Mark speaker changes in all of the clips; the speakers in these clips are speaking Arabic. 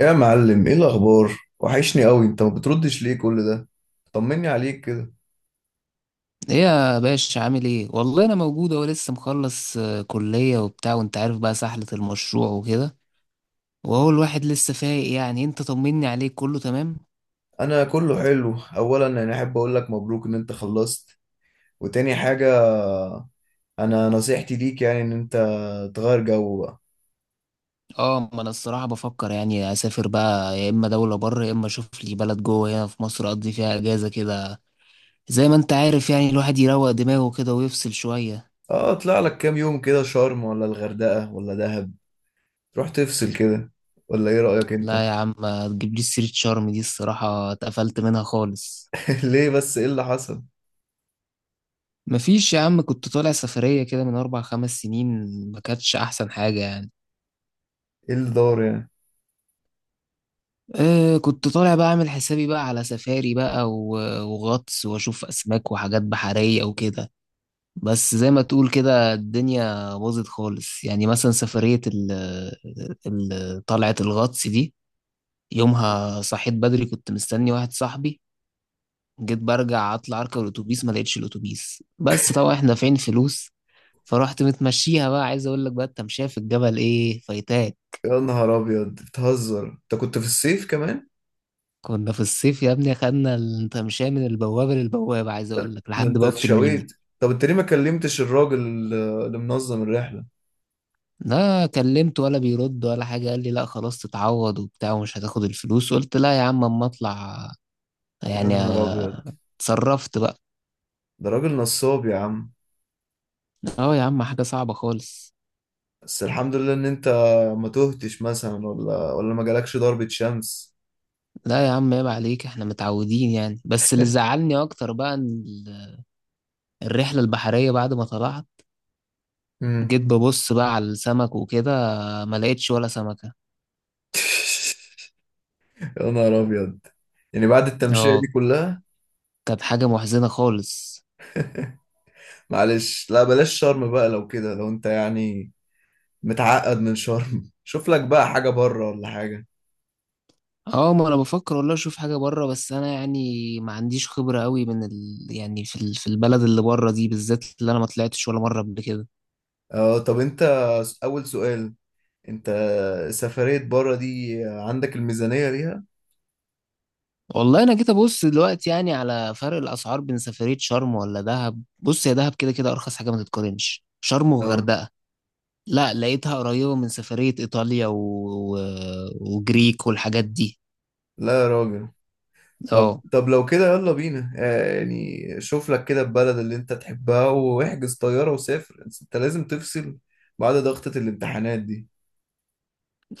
Speaker 1: يا معلم، ايه الاخبار؟ وحشني قوي، انت ما بتردش ليه كل ده؟ طمني عليك كده.
Speaker 2: ايه يا باشا، عامل ايه؟ والله انا موجود اهو، لسه مخلص كلية وبتاع، وانت عارف بقى سحلة المشروع وكده. وهو الواحد لسه فايق يعني. انت طمني عليك، كله تمام؟
Speaker 1: انا كله حلو. اولا، انا احب اقول لك مبروك ان انت خلصت. وتاني حاجة، انا نصيحتي ليك يعني ان انت تغير جو بقى.
Speaker 2: اه ما انا الصراحة بفكر يعني اسافر بقى، يا اما دولة بره، يا اما اشوف لي بلد جوه هنا في مصر اقضي فيها اجازة كده. زي ما انت عارف يعني الواحد يروق دماغه كده ويفصل شوية.
Speaker 1: اه، اطلع لك كام يوم كده، شرم ولا الغردقة ولا دهب، تروح تفصل كده، ولا ايه رأيك انت؟
Speaker 2: لا يا عم، ما تجيبليش سيرة شرم دي، الصراحة اتقفلت منها خالص.
Speaker 1: ليه بس؟ ايه اللي حصل؟
Speaker 2: مفيش يا عم، كنت طالع سفرية كده من 4 5 سنين، ما كانتش أحسن حاجة يعني.
Speaker 1: ايه اللي دار يعني؟
Speaker 2: آه، كنت طالع بقى اعمل حسابي بقى على سفاري بقى وغطس واشوف اسماك وحاجات بحرية وكده. بس زي ما تقول كده الدنيا باظت خالص يعني. مثلا سفرية طلعة الغطس دي، يومها صحيت بدري، كنت مستني واحد صاحبي. جيت برجع اطلع اركب الاتوبيس، ما لقيتش الاتوبيس، بس طبعا احنا دافعين فلوس. فرحت متمشيها بقى، عايز اقول لك بقى التمشية في الجبل ايه فايتاك.
Speaker 1: يا نهار ابيض، بتهزر؟ انت كنت في الصيف كمان.
Speaker 2: كنا في الصيف يا ابني، خدنا التمشية من البوابة للبوابة، عايز أقول لك
Speaker 1: ده
Speaker 2: لحد
Speaker 1: انت
Speaker 2: بوابة المينا.
Speaker 1: اتشويت. طب انت ليه ما كلمتش الراجل اللي منظم الرحلة؟
Speaker 2: لا كلمت ولا بيرد ولا حاجة، قال لي لا خلاص تتعوض وبتاع ومش هتاخد الفلوس. قلت لا يا عم أما أطلع
Speaker 1: يا
Speaker 2: يعني.
Speaker 1: نهار ابيض،
Speaker 2: اتصرفت بقى.
Speaker 1: ده راجل نصاب يا عم.
Speaker 2: اه يا عم، حاجة صعبة خالص.
Speaker 1: بس الحمد لله ان انت ما تهتش مثلا، ولا ما جالكش ضربة شمس.
Speaker 2: لا يا عم، عيب عليك، احنا متعودين يعني. بس اللي زعلني أكتر بقى إن الرحلة البحرية بعد ما طلعت،
Speaker 1: امم
Speaker 2: جيت ببص بقى على السمك وكده، ما لقيتش ولا سمكة.
Speaker 1: يا نهار ابيض، يعني بعد التمشية دي
Speaker 2: اه،
Speaker 1: كلها.
Speaker 2: كانت حاجة محزنة خالص.
Speaker 1: معلش، لا بلاش شرم بقى لو كده، لو انت يعني متعقد من شرم شوف لك بقى حاجة بره ولا حاجة.
Speaker 2: اه، ما انا بفكر والله اشوف حاجه بره، بس انا يعني ما عنديش خبره قوي يعني في البلد اللي بره دي بالذات، اللي انا ما طلعتش ولا مره قبل كده.
Speaker 1: اه طب انت، اول سؤال، انت سفرية بره دي عندك الميزانية ليها؟
Speaker 2: والله انا جيت ابص دلوقتي يعني على فرق الاسعار بين سفريه شرم ولا دهب. بص، يا دهب كده كده ارخص حاجه، ما تتقارنش شرم
Speaker 1: اه،
Speaker 2: وغردقه. لا، لقيتها قريبه من سفريه ايطاليا و... وجريك والحاجات دي.
Speaker 1: لا يا راجل. طب
Speaker 2: اه،
Speaker 1: طب لو كده يلا بينا، يعني شوف لك كده البلد اللي انت تحبها واحجز طيارة وسافر، انت لازم تفصل بعد ضغطة الامتحانات دي.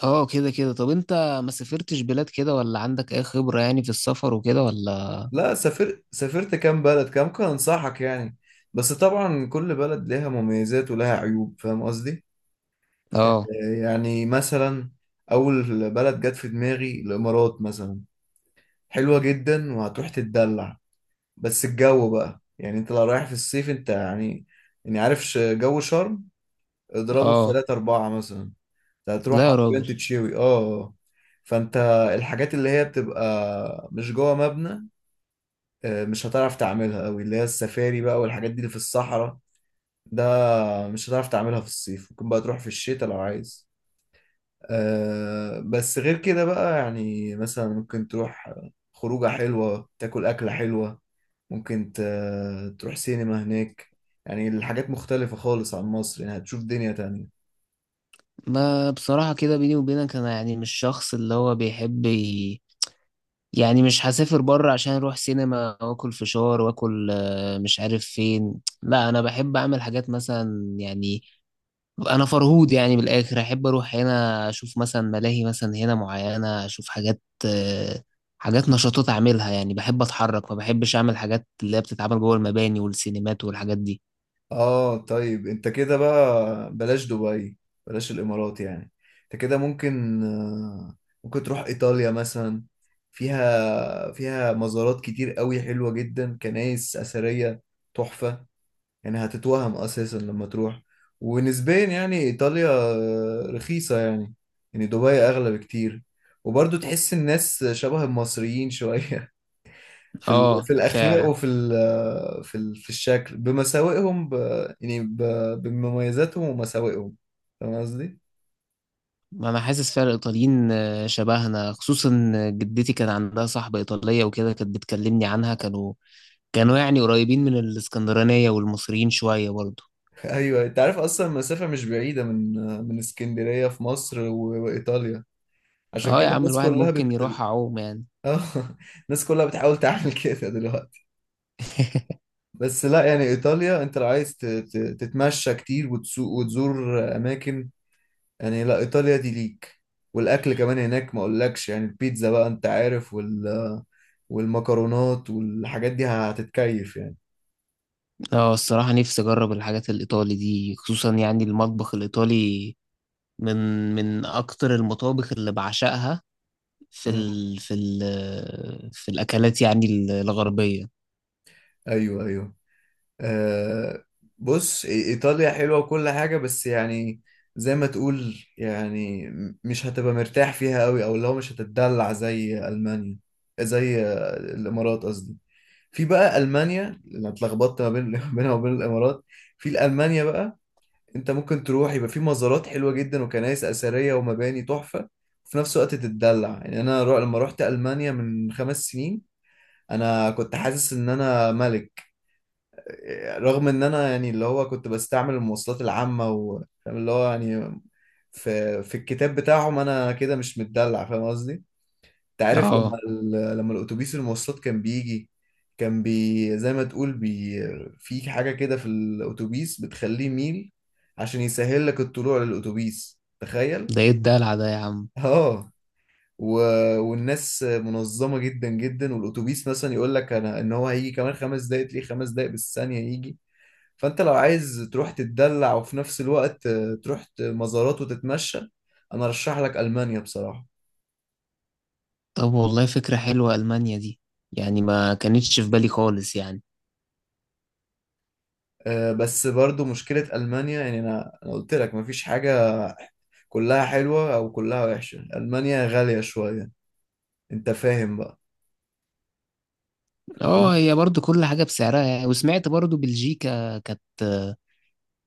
Speaker 2: اه، كده كده. طب انت ما سافرتش بلاد كده ولا عندك اي خبره يعني في السفر وكده ولا؟
Speaker 1: لا، سافرت كام بلد، كام كان انصحك يعني. بس طبعا كل بلد لها مميزات ولها عيوب، فاهم قصدي؟ آه،
Speaker 2: اه،
Speaker 1: يعني مثلا، اول بلد جت في دماغي الامارات مثلا، حلوة جدا وهتروح تتدلع. بس الجو بقى، يعني انت لو رايح في الصيف، انت يعني عارف جو شرم. اضربه في
Speaker 2: اه،
Speaker 1: ثلاثة أربعة مثلا، أنت هتروح
Speaker 2: لا يا
Speaker 1: حرفيا
Speaker 2: راجل.
Speaker 1: تتشوي. فانت، الحاجات اللي هي بتبقى مش جوه مبنى، مش هتعرف تعملها قوي، اللي هي السفاري بقى والحاجات دي اللي في الصحراء. ده مش هتعرف تعملها في الصيف، ممكن بقى تروح في الشتاء لو عايز. بس غير كده بقى يعني، مثلا ممكن تروح خروجة حلوة، تاكل أكلة حلوة. ممكن تروح سينما هناك. يعني الحاجات مختلفة خالص عن مصر، يعني هتشوف دنيا تانية.
Speaker 2: ما بصراحة كده بيني وبينك أنا يعني مش شخص اللي هو بيحب يعني مش هسافر بره عشان أروح سينما وآكل فشار وآكل مش عارف فين. لا، أنا بحب أعمل حاجات مثلا يعني. أنا فرهود يعني بالآخر أحب أروح هنا أشوف مثلا ملاهي، مثلا هنا معينة أشوف حاجات، حاجات نشاطات أعملها يعني. بحب أتحرك، ما بحبش أعمل حاجات اللي هي بتتعمل جوه المباني والسينمات والحاجات دي.
Speaker 1: اه طيب، انت كده بقى بلاش دبي، بلاش الامارات يعني. انت كده ممكن، ممكن تروح ايطاليا مثلا. فيها مزارات كتير قوي حلوة جدا، كنائس اثرية تحفة. يعني هتتوهم اساسا لما تروح. ونسبيا يعني ايطاليا رخيصة يعني، يعني دبي اغلى بكتير. وبرضه تحس الناس شبه المصريين شوية
Speaker 2: آه
Speaker 1: في الاخلاق
Speaker 2: فعلا،
Speaker 1: وفي ال في ال في الشكل بمساوئهم، يعني بمميزاتهم ومساوئهم، فاهم قصدي؟
Speaker 2: ما انا حاسس فعلا الايطاليين شبهنا. خصوصا جدتي، كان عندها صاحبة ايطالية وكده كانت بتكلمني عنها. كانوا يعني قريبين من الاسكندرانية والمصريين شوية برضه.
Speaker 1: ايوه، انت عارف اصلا المسافه مش بعيده من اسكندريه في مصر وايطاليا. عشان
Speaker 2: اه يا
Speaker 1: كده
Speaker 2: عم،
Speaker 1: الناس
Speaker 2: الواحد
Speaker 1: كلها
Speaker 2: ممكن
Speaker 1: بت
Speaker 2: يروح اعوم يعني.
Speaker 1: اه. الناس كلها بتحاول تعمل كده دلوقتي. بس لا يعني، ايطاليا انت لو عايز تتمشى كتير وتسوق وتزور اماكن، يعني لا، ايطاليا دي ليك. والاكل كمان هناك ما اقولكش، يعني البيتزا بقى انت عارف، والمكرونات والحاجات دي هتتكيف يعني.
Speaker 2: اه، الصراحة نفسي اجرب الحاجات الايطالي دي، خصوصا يعني المطبخ الايطالي من من اكتر المطابخ اللي بعشقها في
Speaker 1: مم.
Speaker 2: ال في ال في الاكلات يعني الغربية.
Speaker 1: ايوه، ايوه. أه، بص، ايطاليا حلوه وكل حاجه، بس يعني زي ما تقول يعني، مش هتبقى مرتاح فيها قوي، او لو مش هتتدلع زي المانيا، زي الامارات قصدي. في بقى المانيا، انا اتلخبطت ما بين بينها وبين الامارات. في المانيا بقى، انت ممكن تروح، يبقى في مزارات حلوه جدا وكنائس اثريه ومباني تحفه، وفي نفس الوقت تتدلع. يعني انا، لما رحت المانيا من 5 سنين، انا كنت حاسس ان انا ملك، رغم ان انا يعني اللي هو كنت بستعمل المواصلات العامة فاهم اللي هو يعني. في الكتاب بتاعهم انا كده مش متدلع، فاهم قصدي. انت عارف لما
Speaker 2: اه،
Speaker 1: ال- لما الاتوبيس المواصلات كان بيجي، كان زي ما تقول، في حاجة كده في الاتوبيس بتخليه ميل، عشان يسهل لك الطلوع للاتوبيس، تخيل.
Speaker 2: ده ايه الدلع ده يا عم؟
Speaker 1: اه. و... والناس منظمة جدا جدا، والأتوبيس مثلا يقول لك أنا إن هو هيجي كمان 5 دقايق، تلاقيه 5 دقايق بالثانية يجي. فأنت لو عايز تروح تتدلع، وفي نفس الوقت تروح مزارات وتتمشى، أنا أرشح لك ألمانيا بصراحة.
Speaker 2: طب والله فكرة حلوة ألمانيا دي، يعني ما كانتش في بالي خالص يعني.
Speaker 1: بس برضو مشكلة ألمانيا، يعني أنا قلت لك مفيش حاجة كلها حلوة أو كلها وحشة، ألمانيا غالية شوية، أنت فاهم بقى.
Speaker 2: اه، هي برضو كل حاجة بسعرها يعني. وسمعت برضو بلجيكا كانت،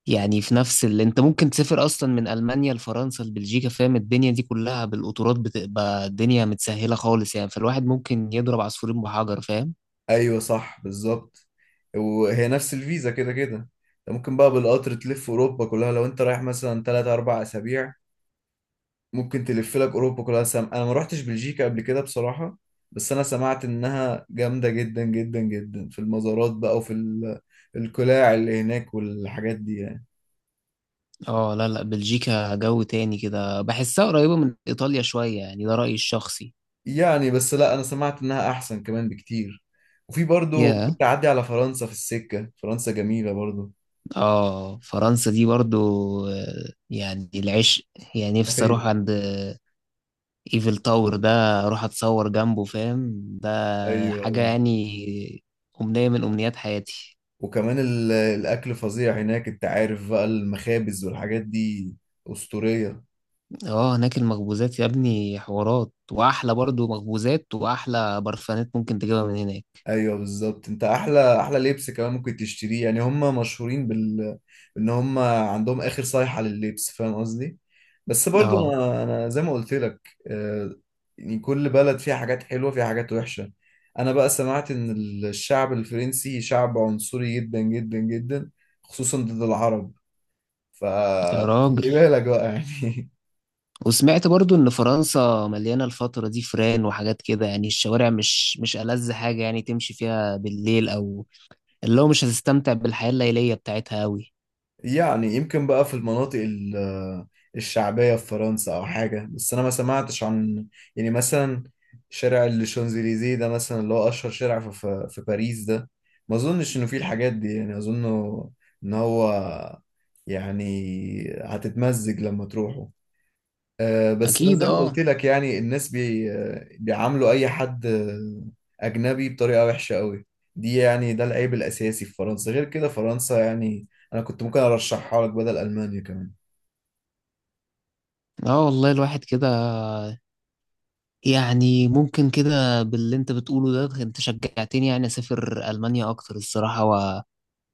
Speaker 2: يعني في نفس اللي انت ممكن تسافر اصلا من ألمانيا لفرنسا لبلجيكا، فاهم؟ الدنيا دي كلها بالقطارات، بتبقى الدنيا متسهلة خالص يعني، فالواحد ممكن يضرب عصفورين بحجر، فاهم؟
Speaker 1: ايوه صح بالظبط. وهي نفس الفيزا كده كده، انت ممكن بقى بالقطر تلف اوروبا كلها لو انت رايح مثلا 3 4 اسابيع، ممكن تلف لك اوروبا كلها. انا ما رحتش بلجيكا قبل كده بصراحة، بس انا سمعت انها جامدة جدا جدا جدا في المزارات بقى، وفي القلاع اللي هناك والحاجات دي يعني.
Speaker 2: اه، لا لا، بلجيكا جو تاني كده، بحسها قريبة من إيطاليا شوية يعني، ده رأيي الشخصي.
Speaker 1: يعني بس لا، انا سمعت انها احسن كمان بكتير. وفي برضو
Speaker 2: يا
Speaker 1: كنت اعدي على فرنسا في السكة، فرنسا جميلة برضو.
Speaker 2: اه فرنسا دي برضو، يعني العشق. يعني نفسي اروح
Speaker 1: ايوه،
Speaker 2: عند ايفل تاور ده، اروح اتصور جنبه، فاهم؟ ده
Speaker 1: ايوه.
Speaker 2: حاجة
Speaker 1: أيوة.
Speaker 2: يعني، أمنية من أمنيات حياتي.
Speaker 1: وكمان الاكل فظيع هناك، انت عارف بقى، المخابز والحاجات دي اسطورية.
Speaker 2: اه، هناك المخبوزات يا ابني حوارات، واحلى برضو مخبوزات واحلى برفانات ممكن تجيبها من هناك.
Speaker 1: ايوه بالظبط، انت احلى احلى لبس كمان ممكن تشتريه، يعني هم مشهورين. ان هم عندهم اخر صيحة لللبس، فاهم قصدي. بس برضو
Speaker 2: اه
Speaker 1: انا زي ما قلت لك، آه، يعني كل بلد فيها حاجات حلوة، فيها حاجات وحشة. انا بقى سمعت ان الشعب الفرنسي شعب عنصري جدا جدا جدا، خصوصا ضد العرب،
Speaker 2: يا راجل،
Speaker 1: فخلي بالك بقى يعني.
Speaker 2: وسمعت برضو ان فرنسا مليانة الفترة دي فران وحاجات كده يعني. الشوارع مش ألذ حاجة يعني تمشي فيها بالليل، او اللي هو مش هتستمتع بالحياة الليلية بتاعتها أوي.
Speaker 1: يعني يمكن بقى في المناطق الشعبية في فرنسا أو حاجة، بس أنا ما سمعتش عن، يعني مثلا، شارع الشانزليزيه ده مثلا اللي هو أشهر شارع في باريس ده، ما أظنش إنه فيه الحاجات دي، يعني أظن إن هو يعني هتتمزج لما تروحه. بس انا
Speaker 2: اكيد
Speaker 1: زي ما
Speaker 2: اه.
Speaker 1: قلت لك، يعني الناس، بي آه، بيعاملوا اي حد اجنبي بطريقه وحشه قوي دي، يعني ده العيب الاساسي في فرنسا. غير كده فرنسا يعني انا كنت ممكن ارشحها لك بدل المانيا كمان.
Speaker 2: اه والله الواحد كده، يعني ممكن كده باللي انت بتقوله ده انت شجعتني يعني اسافر ألمانيا اكتر الصراحة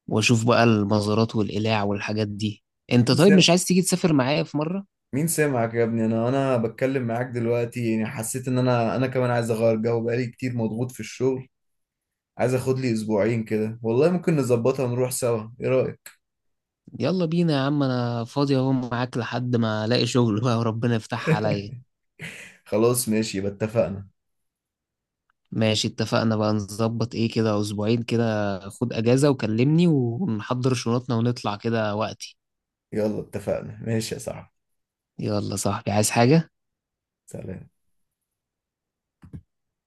Speaker 2: واشوف بقى المزارات والقلاع والحاجات دي. انت
Speaker 1: مين
Speaker 2: طيب
Speaker 1: سمع
Speaker 2: مش عايز تيجي تسافر معايا في مرة؟
Speaker 1: مين سمعك يا ابني، انا بتكلم معاك دلوقتي يعني، حسيت ان انا كمان عايز اغير جو، بقالي كتير مضغوط في الشغل. عايز اخد لي اسبوعين كده، والله ممكن نظبطها ونروح سوا، ايه رايك؟
Speaker 2: يلا بينا يا عم، انا فاضي اهو معاك لحد ما الاقي شغل بقى وربنا يفتح عليا.
Speaker 1: خلاص ماشي، يبقى اتفقنا.
Speaker 2: ماشي، اتفقنا بقى، نظبط ايه كده، اسبوعين كده خد اجازة وكلمني ونحضر شنطنا ونطلع كده وقتي.
Speaker 1: يلا اتفقنا، ماشي يا صاحبي.
Speaker 2: يلا صاحبي، عايز حاجة؟
Speaker 1: سلام.